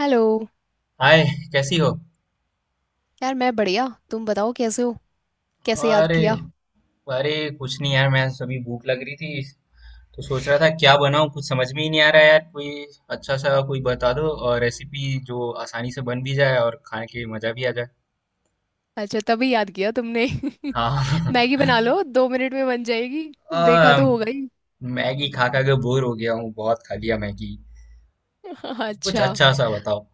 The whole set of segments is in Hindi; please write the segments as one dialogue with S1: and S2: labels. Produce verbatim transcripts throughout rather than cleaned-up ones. S1: हेलो।
S2: हाय। कैसी हो?
S1: यार, मैं बढ़िया। तुम बताओ कैसे हो? कैसे याद
S2: अरे,
S1: किया?
S2: अरे कुछ नहीं यार, मैं सभी भूख लग रही थी। तो सोच रहा था क्या बनाऊं, कुछ समझ में ही नहीं आ रहा है यार। कोई अच्छा सा कोई बता दो और रेसिपी जो आसानी से बन भी जाए और खाने के मजा भी आ जाए।
S1: अच्छा, तभी याद किया तुमने।
S2: हाँ।
S1: मैगी बना लो, दो मिनट में बन जाएगी।
S2: आ,
S1: देखा तो होगा ही।
S2: मैगी खा खा के बोर हो गया हूँ, बहुत खा लिया मैगी। कुछ
S1: अच्छा।
S2: अच्छा सा बताओ।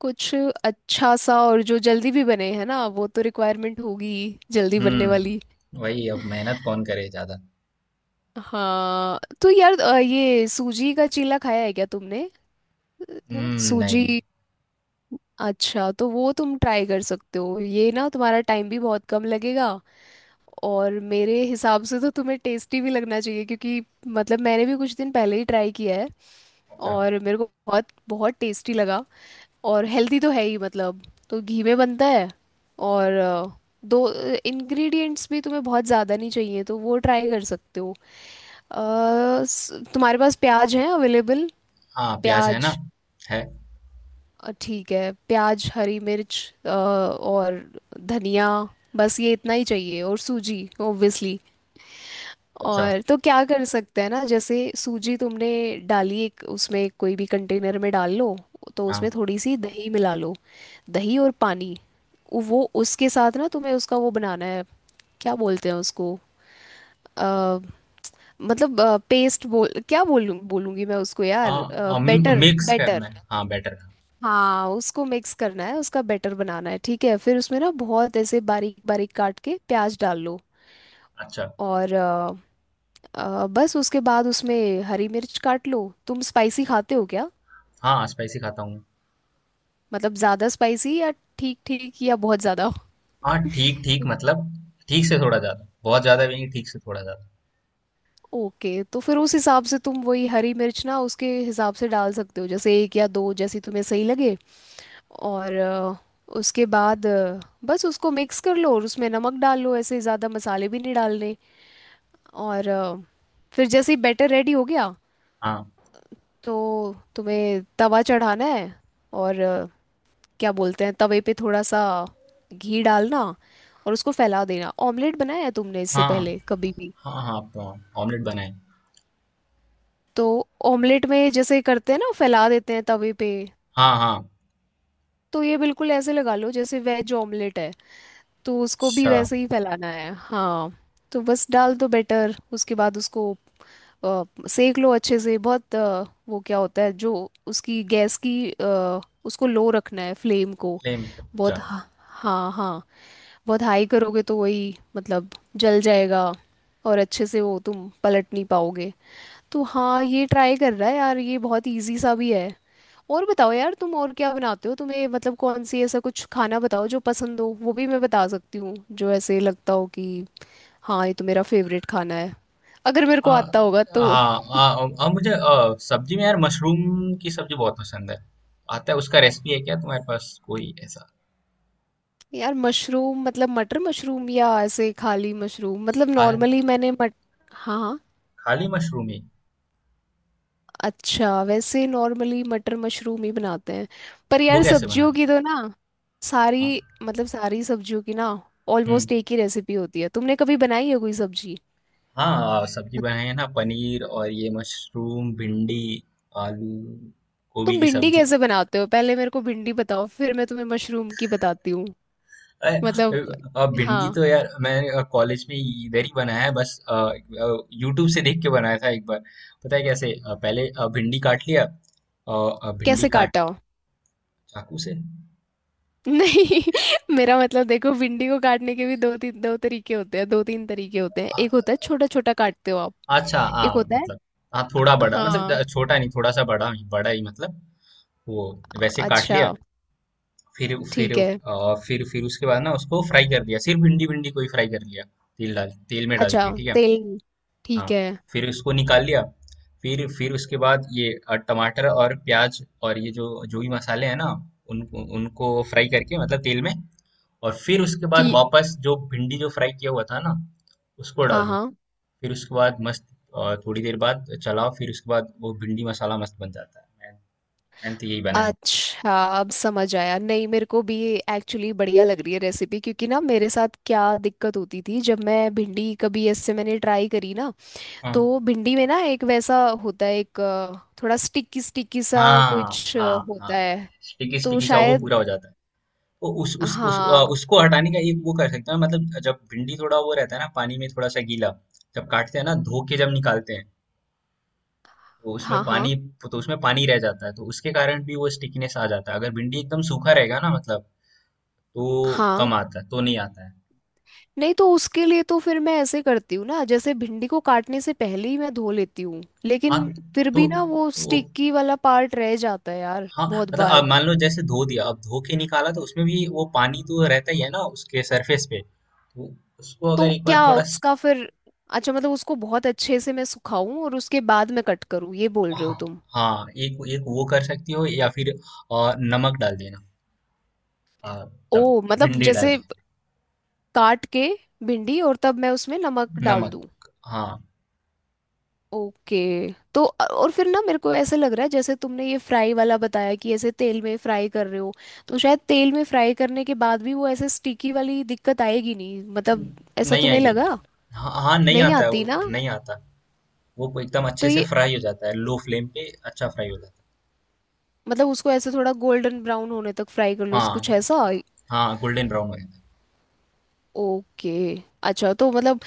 S1: कुछ अच्छा सा, और जो जल्दी भी बने है ना, वो तो रिक्वायरमेंट होगी, जल्दी बनने वाली।
S2: हम्म वही अब मेहनत कौन करे ज्यादा।
S1: हाँ तो यार, अ, ये सूजी का चीला खाया है क्या तुमने? अ,
S2: हम्म, नहीं।
S1: सूजी। अच्छा, तो वो तुम ट्राई कर सकते हो, ये ना तुम्हारा टाइम भी बहुत कम लगेगा। और मेरे हिसाब से तो तुम्हें टेस्टी भी लगना चाहिए, क्योंकि मतलब मैंने भी कुछ दिन पहले ही ट्राई किया है।
S2: अच्छा।
S1: और मेरे को बहुत बहुत टेस्टी लगा। और हेल्दी तो है ही, मतलब। तो घी में बनता है। और अ, दो इंग्रेडिएंट्स भी तुम्हें बहुत ज़्यादा नहीं चाहिए, तो वो ट्राई कर सकते हो। अ, स- तुम्हारे पास प्याज है अवेलेबल?
S2: हाँ, प्याज है ना।
S1: प्याज।
S2: है।
S1: अ, ठीक है, प्याज, हरी मिर्च, अ, और धनिया। बस ये इतना ही चाहिए, और सूजी ओब्वियसली।
S2: अच्छा।
S1: और तो क्या कर सकते हैं ना, जैसे सूजी तुमने डाली एक, उसमें कोई भी कंटेनर में डाल लो। तो
S2: हाँ।
S1: उसमें थोड़ी सी दही मिला लो। दही और पानी। उ- वो उसके साथ ना तुम्हें उसका वो बनाना है। क्या बोलते हैं उसको? अ, मतलब, पेस्ट बोल, क्या बोलूं बोलूंगी मैं उसको
S2: आ,
S1: यार।
S2: आ,
S1: बेटर
S2: मिक्स करना
S1: बेटर।
S2: है, हाँ, बेटर।
S1: हाँ, उसको मिक्स करना है, उसका बैटर बनाना है। ठीक है, फिर उसमें ना बहुत ऐसे बारीक बारीक काट के प्याज डाल लो।
S2: अच्छा,
S1: और अ, अ, बस उसके बाद उसमें हरी मिर्च काट लो। तुम स्पाइसी खाते हो क्या?
S2: हाँ, स्पाइसी खाता हूँ।
S1: मतलब ज़्यादा स्पाइसी, या ठीक ठीक, या बहुत ज़्यादा?
S2: हाँ, ठीक-ठीक मतलब ठीक से थोड़ा ज़्यादा, बहुत ज़्यादा भी नहीं, ठीक से थोड़ा ज़्यादा।
S1: ओके, तो फिर उस हिसाब से तुम वही हरी मिर्च ना, उसके हिसाब से डाल सकते हो, जैसे एक या दो, जैसी तुम्हें सही लगे। और अ, उसके बाद अ, बस उसको मिक्स कर लो, और उसमें नमक डाल लो। ऐसे ज़्यादा मसाले भी नहीं डालने। और अ, फिर जैसे ही बैटर रेडी हो गया,
S2: हाँ,
S1: तो तुम्हें तवा चढ़ाना है। और अ, क्या बोलते हैं, तवे पे थोड़ा सा घी डालना, और उसको फैला देना। ऑमलेट बनाया है तुमने इससे
S2: हाँ,
S1: पहले कभी भी?
S2: हाँ, हाँ, तो ऑमलेट बनाए।
S1: तो ऑमलेट में जैसे करते हैं ना, फैला देते हैं तवे पे,
S2: हाँ, हाँ।
S1: तो ये बिल्कुल ऐसे लगा लो जैसे वेज ऑमलेट है, तो उसको भी
S2: अच्छा।
S1: वैसे ही फैलाना है। हाँ, तो बस डाल दो बैटर, उसके बाद उसको अ, सेक लो अच्छे से। बहुत अ, वो क्या होता है जो उसकी गैस की, अ, उसको लो रखना है, फ्लेम को।
S2: फ्लेम को,
S1: बहुत
S2: अच्छा।
S1: हा- हाँ हाँ, बहुत हाई करोगे तो वही मतलब जल जाएगा, और अच्छे से वो तुम पलट नहीं पाओगे। तो हाँ, ये ट्राई कर रहा है यार, ये बहुत इजी सा भी है। और बताओ यार, तुम और क्या बनाते हो? तुम्हें मतलब कौन सी, ऐसा कुछ खाना बताओ जो पसंद हो, वो भी मैं बता सकती हूँ। जो ऐसे लगता हो कि हाँ, ये तो मेरा फेवरेट खाना है, अगर मेरे को
S2: हाँ,
S1: आता होगा तो।
S2: हाँ, हाँ, अ, मुझे अ, सब्जी में यार मशरूम की सब्जी बहुत पसंद है। आता है उसका रेसिपी है क्या तुम्हारे पास कोई ऐसा?
S1: यार मशरूम, मतलब मटर मशरूम या ऐसे खाली मशरूम? मतलब
S2: खा
S1: नॉर्मली मैंने मट— हाँ।
S2: खाली मशरूम ही।
S1: अच्छा, वैसे नॉर्मली मटर मशरूम ही बनाते हैं। पर
S2: वो
S1: यार,
S2: कैसे
S1: सब्जियों
S2: बनाते हैं?
S1: की तो ना
S2: हाँ,
S1: सारी, मतलब सारी सब्जियों की ना ऑलमोस्ट
S2: हुँ,
S1: एक ही रेसिपी होती है। तुमने कभी बनाई है कोई सब्जी?
S2: हाँ, सब्जी
S1: मत-
S2: बनाई है ना, पनीर और ये मशरूम, भिंडी, आलू, गोभी
S1: तुम
S2: की
S1: भिंडी
S2: सब्जी।
S1: कैसे बनाते हो? पहले मेरे को भिंडी बताओ, फिर मैं तुम्हें मशरूम की बताती हूँ।
S2: अ,
S1: मतलब।
S2: अ, भिंडी
S1: हाँ।
S2: तो यार मैं कॉलेज में इधर ही बनाया है बस। यूट्यूब से देख के बनाया था एक बार। पता है कैसे, अ, पहले अ, भिंडी काट लिया। और अ, भिंडी
S1: कैसे
S2: काट।
S1: काटा हो?
S2: चाकू से।
S1: नहीं, मेरा मतलब, देखो, भिंडी को काटने के भी दो तीन, दो तरीके होते हैं, दो तीन तरीके होते हैं।
S2: अ,
S1: एक होता है छोटा छोटा काटते हो आप।
S2: अच्छा,
S1: एक
S2: हाँ
S1: होता है।
S2: मतलब। हाँ, थोड़ा बड़ा मतलब
S1: हाँ।
S2: ज- छोटा नहीं, थोड़ा सा बड़ा ही, बड़ा ही मतलब वो वैसे काट
S1: अच्छा।
S2: लिया। फिर फिर
S1: ठीक है।
S2: उस- अ, फिर फिर उसके बाद ना उसको फ्राई कर दिया, सिर्फ भिंडी, भिंडी को ही फ्राई कर लिया। तेल डाल तेल में डाल
S1: अच्छा,
S2: के ठीक है।
S1: तेल। ठीक
S2: हाँ।
S1: है।
S2: फिर उसको निकाल लिया। फिर फिर उसके बाद ये अ, टमाटर और प्याज और ये जो जो भी मसाले हैं ना, उनको उनको फ्राई करके, मतलब तेल में। और फिर उसके बाद
S1: ठीक।
S2: वापस जो भिंडी जो फ्राई किया हुआ था ना, उसको डाल
S1: हाँ
S2: दो।
S1: हाँ।
S2: फिर उसके बाद मस्त, अ, थोड़ी देर बाद चलाओ, फिर उसके बाद वो भिंडी मसाला मस्त बन जाता है। मैं मैंने तो यही बनाया है।
S1: अच्छा, अब समझ आया नहीं मेरे को भी। एक्चुअली बढ़िया लग रही है रेसिपी, क्योंकि ना मेरे साथ क्या दिक्कत होती थी, जब मैं भिंडी कभी ऐसे मैंने ट्राई करी ना,
S2: हाँ,
S1: तो भिंडी में ना एक वैसा होता है, एक अ, थोड़ा स्टिकी स्टिकी सा
S2: हाँ,
S1: कुछ
S2: हाँ।
S1: अ,
S2: हाँ,
S1: होता है।
S2: स्टिकी
S1: तो
S2: स्टिकी सा वो
S1: शायद।
S2: पूरा हो जाता है। वो उस, उस, उस, अ,
S1: हाँ
S2: उसको हटाने का एक वो कर सकते हैं, मतलब जब भिंडी थोड़ा वो रहता है ना, पानी में थोड़ा सा गीला। जब काटते हैं ना, धो के जब निकालते हैं। तो उसमें
S1: हाँ हाँ।
S2: पानी तो उसमें पानी रह जाता है, तो उसके कारण भी वो स्टिकनेस आ जाता है। अगर भिंडी एकदम सूखा रहेगा ना, मतलब तो
S1: हाँ
S2: कम आता है, तो नहीं आता है।
S1: नहीं, तो उसके लिए तो फिर मैं ऐसे करती हूँ ना, जैसे भिंडी को काटने से पहले ही मैं धो लेती हूँ,
S2: हाँ
S1: लेकिन फिर
S2: तो
S1: भी ना वो
S2: वो।
S1: स्टिकी वाला पार्ट रह जाता है यार
S2: हाँ,
S1: बहुत
S2: मतलब अब
S1: बार।
S2: मान लो, जैसे धो दिया अब धो के निकाला तो उसमें भी वो पानी तो रहता ही है ना उसके सरफेस पे। तो उसको अगर
S1: तो
S2: एक
S1: क्या
S2: बार थोड़ा स-
S1: उसका फिर, अच्छा मतलब उसको बहुत अच्छे से मैं सुखाऊं और उसके बाद मैं कट करूँ, ये बोल रहे
S2: हाँ।
S1: हो तुम?
S2: हाँ, एक एक वो कर सकती हो, या फिर। और नमक डाल देना। आ, तब
S1: ओ मतलब,
S2: भिंडी डाल
S1: जैसे
S2: के।
S1: काट के भिंडी, और तब मैं उसमें नमक डाल दूं?
S2: नमक। हाँ।
S1: ओके। तो अ- और फिर ना मेरे को ऐसे लग रहा है, जैसे तुमने ये फ्राई वाला बताया कि ऐसे तेल में फ्राई कर रहे हो, तो शायद तेल में फ्राई करने के बाद भी वो ऐसे स्टिकी वाली दिक्कत आएगी नहीं, मतलब।
S2: न-
S1: ऐसा
S2: नहीं
S1: तुम्हें
S2: आएगी।
S1: लगा?
S2: हाँ, हाँ नहीं
S1: नहीं
S2: आता है
S1: आती
S2: वो।
S1: ना।
S2: नहीं आता, वो एकदम
S1: तो
S2: अच्छे से
S1: ये,
S2: फ्राई हो जाता है, लो फ्लेम पे अच्छा फ्राई हो जाता
S1: मतलब उसको ऐसे थोड़ा गोल्डन ब्राउन होने तक फ्राई कर
S2: है।
S1: लो, कुछ
S2: हाँ,
S1: ऐसा?
S2: हाँ, गोल्डन ब्राउन हो जाता है।
S1: ओके। अच्छा तो मतलब,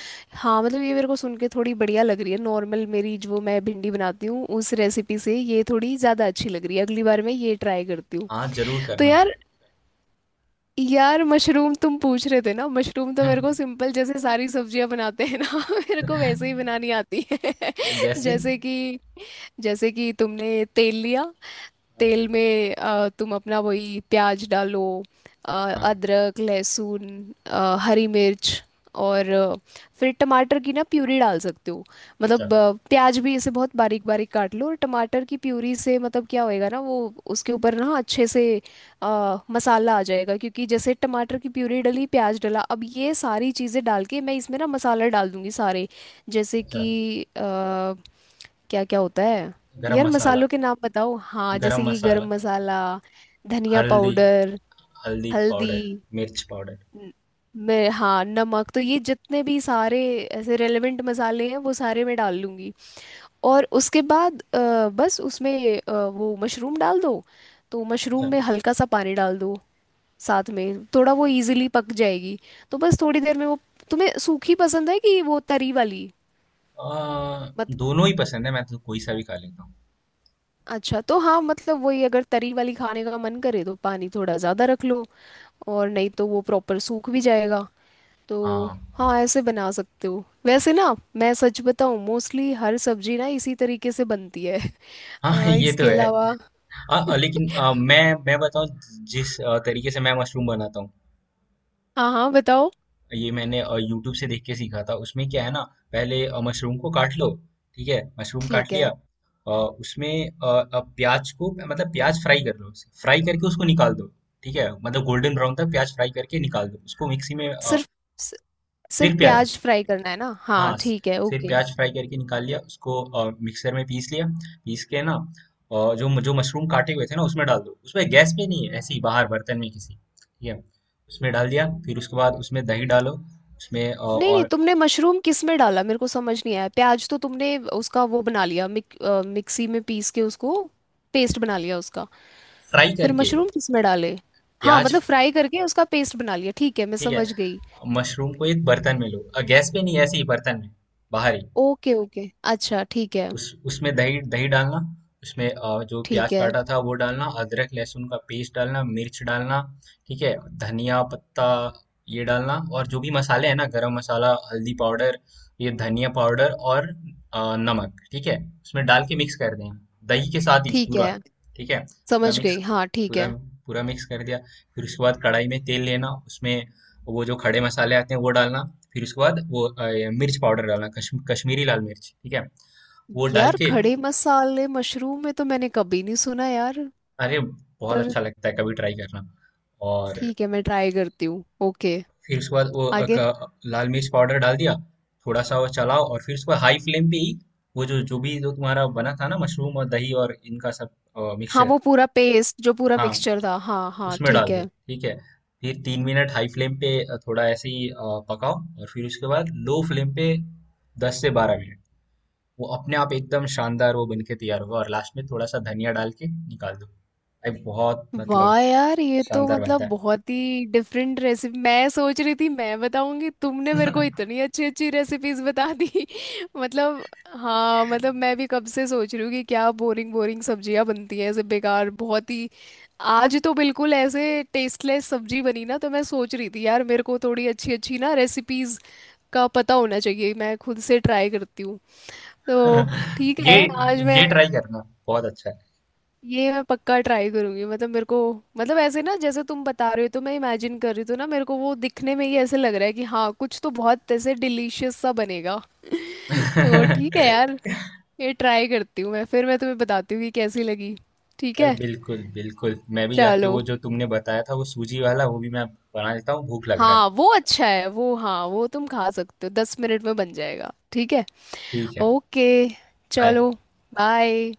S1: हाँ मतलब, ये मेरे को सुन के थोड़ी बढ़िया लग रही है। नॉर्मल मेरी जो मैं भिंडी बनाती हूँ उस रेसिपी से, ये थोड़ी ज़्यादा अच्छी लग रही है, अगली बार मैं ये ट्राई करती हूँ।
S2: हाँ, जरूर
S1: तो
S2: करना।
S1: यार, यार मशरूम तुम पूछ रहे थे ना, मशरूम तो मेरे
S2: हम्म।
S1: को सिंपल जैसे सारी सब्जियां बनाते हैं ना, मेरे को वैसे ही बनानी आती है।
S2: जैसे।
S1: जैसे कि, जैसे कि तुमने तेल लिया, तेल में अ, तुम अपना वही प्याज डालो, अ,
S2: हाँ।
S1: अदरक लहसुन, अ, हरी मिर्च, और अ, फिर टमाटर की ना प्यूरी डाल सकते हो।
S2: अच्छा,
S1: मतलब अ, प्याज भी इसे बहुत बारीक बारीक काट लो, और टमाटर की प्यूरी से मतलब क्या होएगा ना वो, उसके ऊपर ना अच्छे से अ, मसाला आ जाएगा, क्योंकि जैसे टमाटर की प्यूरी डली, प्याज डला, अब ये सारी चीज़ें डाल के मैं इसमें ना मसाला डाल दूंगी सारे। जैसे
S2: अच्छा।
S1: कि अ, क्या क्या होता है,
S2: गरम
S1: यार
S2: मसाला।
S1: मसालों के नाम बताओ। हाँ,
S2: गरम
S1: जैसे कि
S2: मसाला।
S1: गरम मसाला, धनिया
S2: हल्दी।
S1: पाउडर,
S2: हल्दी
S1: हल्दी।
S2: पाउडर। मिर्च पाउडर।
S1: न- मैं, हाँ, नमक, तो ये जितने भी सारे ऐसे रेलेवेंट मसाले हैं, वो सारे मैं डाल लूँगी। और उसके बाद अ, बस उसमें अ, वो मशरूम डाल दो। तो
S2: अच्छा,
S1: मशरूम में हल्का सा पानी डाल दो साथ में, थोड़ा वो इजीली पक जाएगी। तो बस थोड़ी देर में वो, तुम्हें सूखी पसंद है कि वो तरी वाली?
S2: आ, दोनों ही पसंद है, मैं तो कोई सा भी खा लेता हूँ।
S1: अच्छा, तो हाँ, मतलब वही, अगर तरी वाली खाने का मन करे तो पानी थोड़ा ज़्यादा रख लो, और नहीं तो वो प्रॉपर सूख भी जाएगा। तो
S2: हाँ,
S1: हाँ, ऐसे बना सकते हो। वैसे ना, मैं सच बताऊँ, मोस्टली हर सब्जी ना इसी तरीके से बनती है।
S2: हाँ।
S1: अ,
S2: ये तो
S1: इसके
S2: है।
S1: अलावा।
S2: हाँ, अ, लेकिन अ, मैं मैं बताऊँ, जिस अ, तरीके से मैं मशरूम बनाता हूँ,
S1: हाँ हाँ बताओ।
S2: ये मैंने यूट्यूब से देख के सीखा था। उसमें क्या है ना, पहले अ, मशरूम को काट लो। ठीक है, मशरूम काट
S1: ठीक
S2: लिया।
S1: है।
S2: अ, उसमें अ, अ, प्याज को, मतलब प्याज फ्राई कर लो, फ्राई करके उसको निकाल दो। ठीक है, मतलब गोल्डन ब्राउन तक प्याज फ्राई करके निकाल दो, उसको मिक्सी में अ,
S1: सिर्फ, सि-
S2: फिर
S1: सिर्फ
S2: प्याज,
S1: प्याज फ्राई करना है ना? हाँ
S2: हाँ, स-
S1: ठीक है,
S2: फिर
S1: ओके।
S2: प्याज फ्राई करके निकाल लिया उसको और मिक्सर में पीस लिया। पीस के ना, और जो जो मशरूम काटे हुए थे ना, उसमें डाल दो। उसमें गैस पे नहीं है, ऐसे ही बाहर बर्तन में किसी, ठीक है। उसमें डाल दिया। फिर उसके बाद उसमें दही डालो। उसमें अ,
S1: नहीं नहीं,
S2: और।
S1: तुमने मशरूम किस में डाला? मेरे को समझ नहीं आया। प्याज तो तुमने उसका वो बना लिया, मिक, अ, मिक्सी में पीस के उसको, पेस्ट बना लिया उसका।
S2: फ्राई
S1: फिर
S2: करके
S1: मशरूम किसमें डाले? हाँ,
S2: प्याज।
S1: मतलब फ्राई करके उसका पेस्ट बना लिया, ठीक है, मैं
S2: ठीक है।
S1: समझ गई।
S2: मशरूम को एक बर्तन में लो और गैस पे नहीं, ऐसे ही बर्तन में बाहर ही।
S1: Okay okay. अच्छा ठीक है।
S2: उस, उसमें दही, दही डालना। उसमें अ, जो
S1: ठीक
S2: प्याज
S1: है।
S2: काटा था वो डालना, अदरक लहसुन का पेस्ट डालना, मिर्च डालना, ठीक है। धनिया पत्ता, ये डालना, और जो भी मसाले हैं ना, गरम मसाला, हल्दी पाउडर, ये धनिया पाउडर और अ, नमक, ठीक है। उसमें डाल के मिक्स कर देना, दही के साथ ही
S1: ठीक
S2: पूरा।
S1: है,
S2: ठीक है, पूरा
S1: समझ
S2: मिक्स।
S1: गई, हाँ ठीक
S2: पूरा,
S1: है।
S2: पूरा मिक्स कर दिया। फिर उसके बाद कढ़ाई में तेल लेना, उसमें वो जो खड़े मसाले आते हैं वो डालना। फिर उसके बाद वो अ, मिर्च पाउडर डालना, कश्म, कश्मीरी लाल मिर्च, ठीक है। वो डाल
S1: यार
S2: के,
S1: खड़े मसाले मशरूम में तो मैंने कभी नहीं सुना यार।
S2: अरे बहुत
S1: पर
S2: अच्छा लगता है कभी ट्राई करना। और
S1: ठीक है, मैं ट्राई करती हूँ, ओके।
S2: फिर उसके बाद वो अ,
S1: आगे।
S2: क- लाल मिर्च पाउडर डाल दिया। थोड़ा सा वो चलाओ और फिर उसके बाद हाई फ्लेम पे ही वो जो जो भी जो तुम्हारा बना था ना, मशरूम और दही और इनका सब
S1: हाँ,
S2: मिक्सचर,
S1: वो पूरा पेस्ट, जो पूरा
S2: हाँ,
S1: मिक्सचर था, हाँ हाँ
S2: उसमें
S1: ठीक
S2: डाल दो,
S1: है।
S2: ठीक है। फिर तीन मिनट हाई फ्लेम पे अ, थोड़ा ऐसे ही अ, पकाओ। और फिर उसके बाद लो फ्लेम पे दस से बारह मिनट, वो अपने आप एकदम शानदार वो बन के तैयार होगा। और लास्ट में थोड़ा सा धनिया डाल के निकाल दो भाई, बहुत मतलब
S1: वाह यार, ये तो
S2: शानदार
S1: मतलब
S2: बनता है।
S1: बहुत ही डिफरेंट रेसिपी। मैं सोच रही थी मैं बताऊंगी, तुमने मेरे को इतनी अच्छी अच्छी रेसिपीज बता दी। मतलब, हाँ मतलब, मैं भी कब से सोच रही हूँ कि क्या बोरिंग बोरिंग सब्जियां बनती हैं, ऐसे बेकार, बहुत ही। आज तो बिल्कुल ऐसे टेस्टलेस सब्जी बनी ना, तो मैं सोच रही थी यार, मेरे को थोड़ी अच्छी अच्छी ना रेसिपीज का पता होना चाहिए, मैं खुद से ट्राई करती हूँ। तो ठीक
S2: ये
S1: है। आज मैं,
S2: ये ट्राई करना बहुत अच्छा है।
S1: ये मैं पक्का ट्राई करूंगी। मतलब मेरे को, मतलब ऐसे ना जैसे तुम बता रहे हो, तो मैं इमेजिन कर रही, तो ना मेरे को वो दिखने में ही ऐसे लग रहा है कि हाँ, कुछ तो बहुत ऐसे डिलीशियस सा बनेगा। तो ठीक है यार, ये ट्राई करती हूँ मैं, फिर मैं तुम्हें बताती हूँ कि कैसी लगी। ठीक
S2: अरे
S1: है।
S2: बिल्कुल, बिल्कुल, मैं भी जाके
S1: चलो।
S2: वो जो तुमने बताया था वो सूजी वाला वो भी मैं बना लेता हूँ, भूख लग रहा है।
S1: हाँ, वो अच्छा है वो, हाँ वो तुम खा सकते हो, दस मिनट में बन जाएगा, ठीक है।
S2: ठीक है।
S1: ओके।
S2: बाय।
S1: चलो। बाय।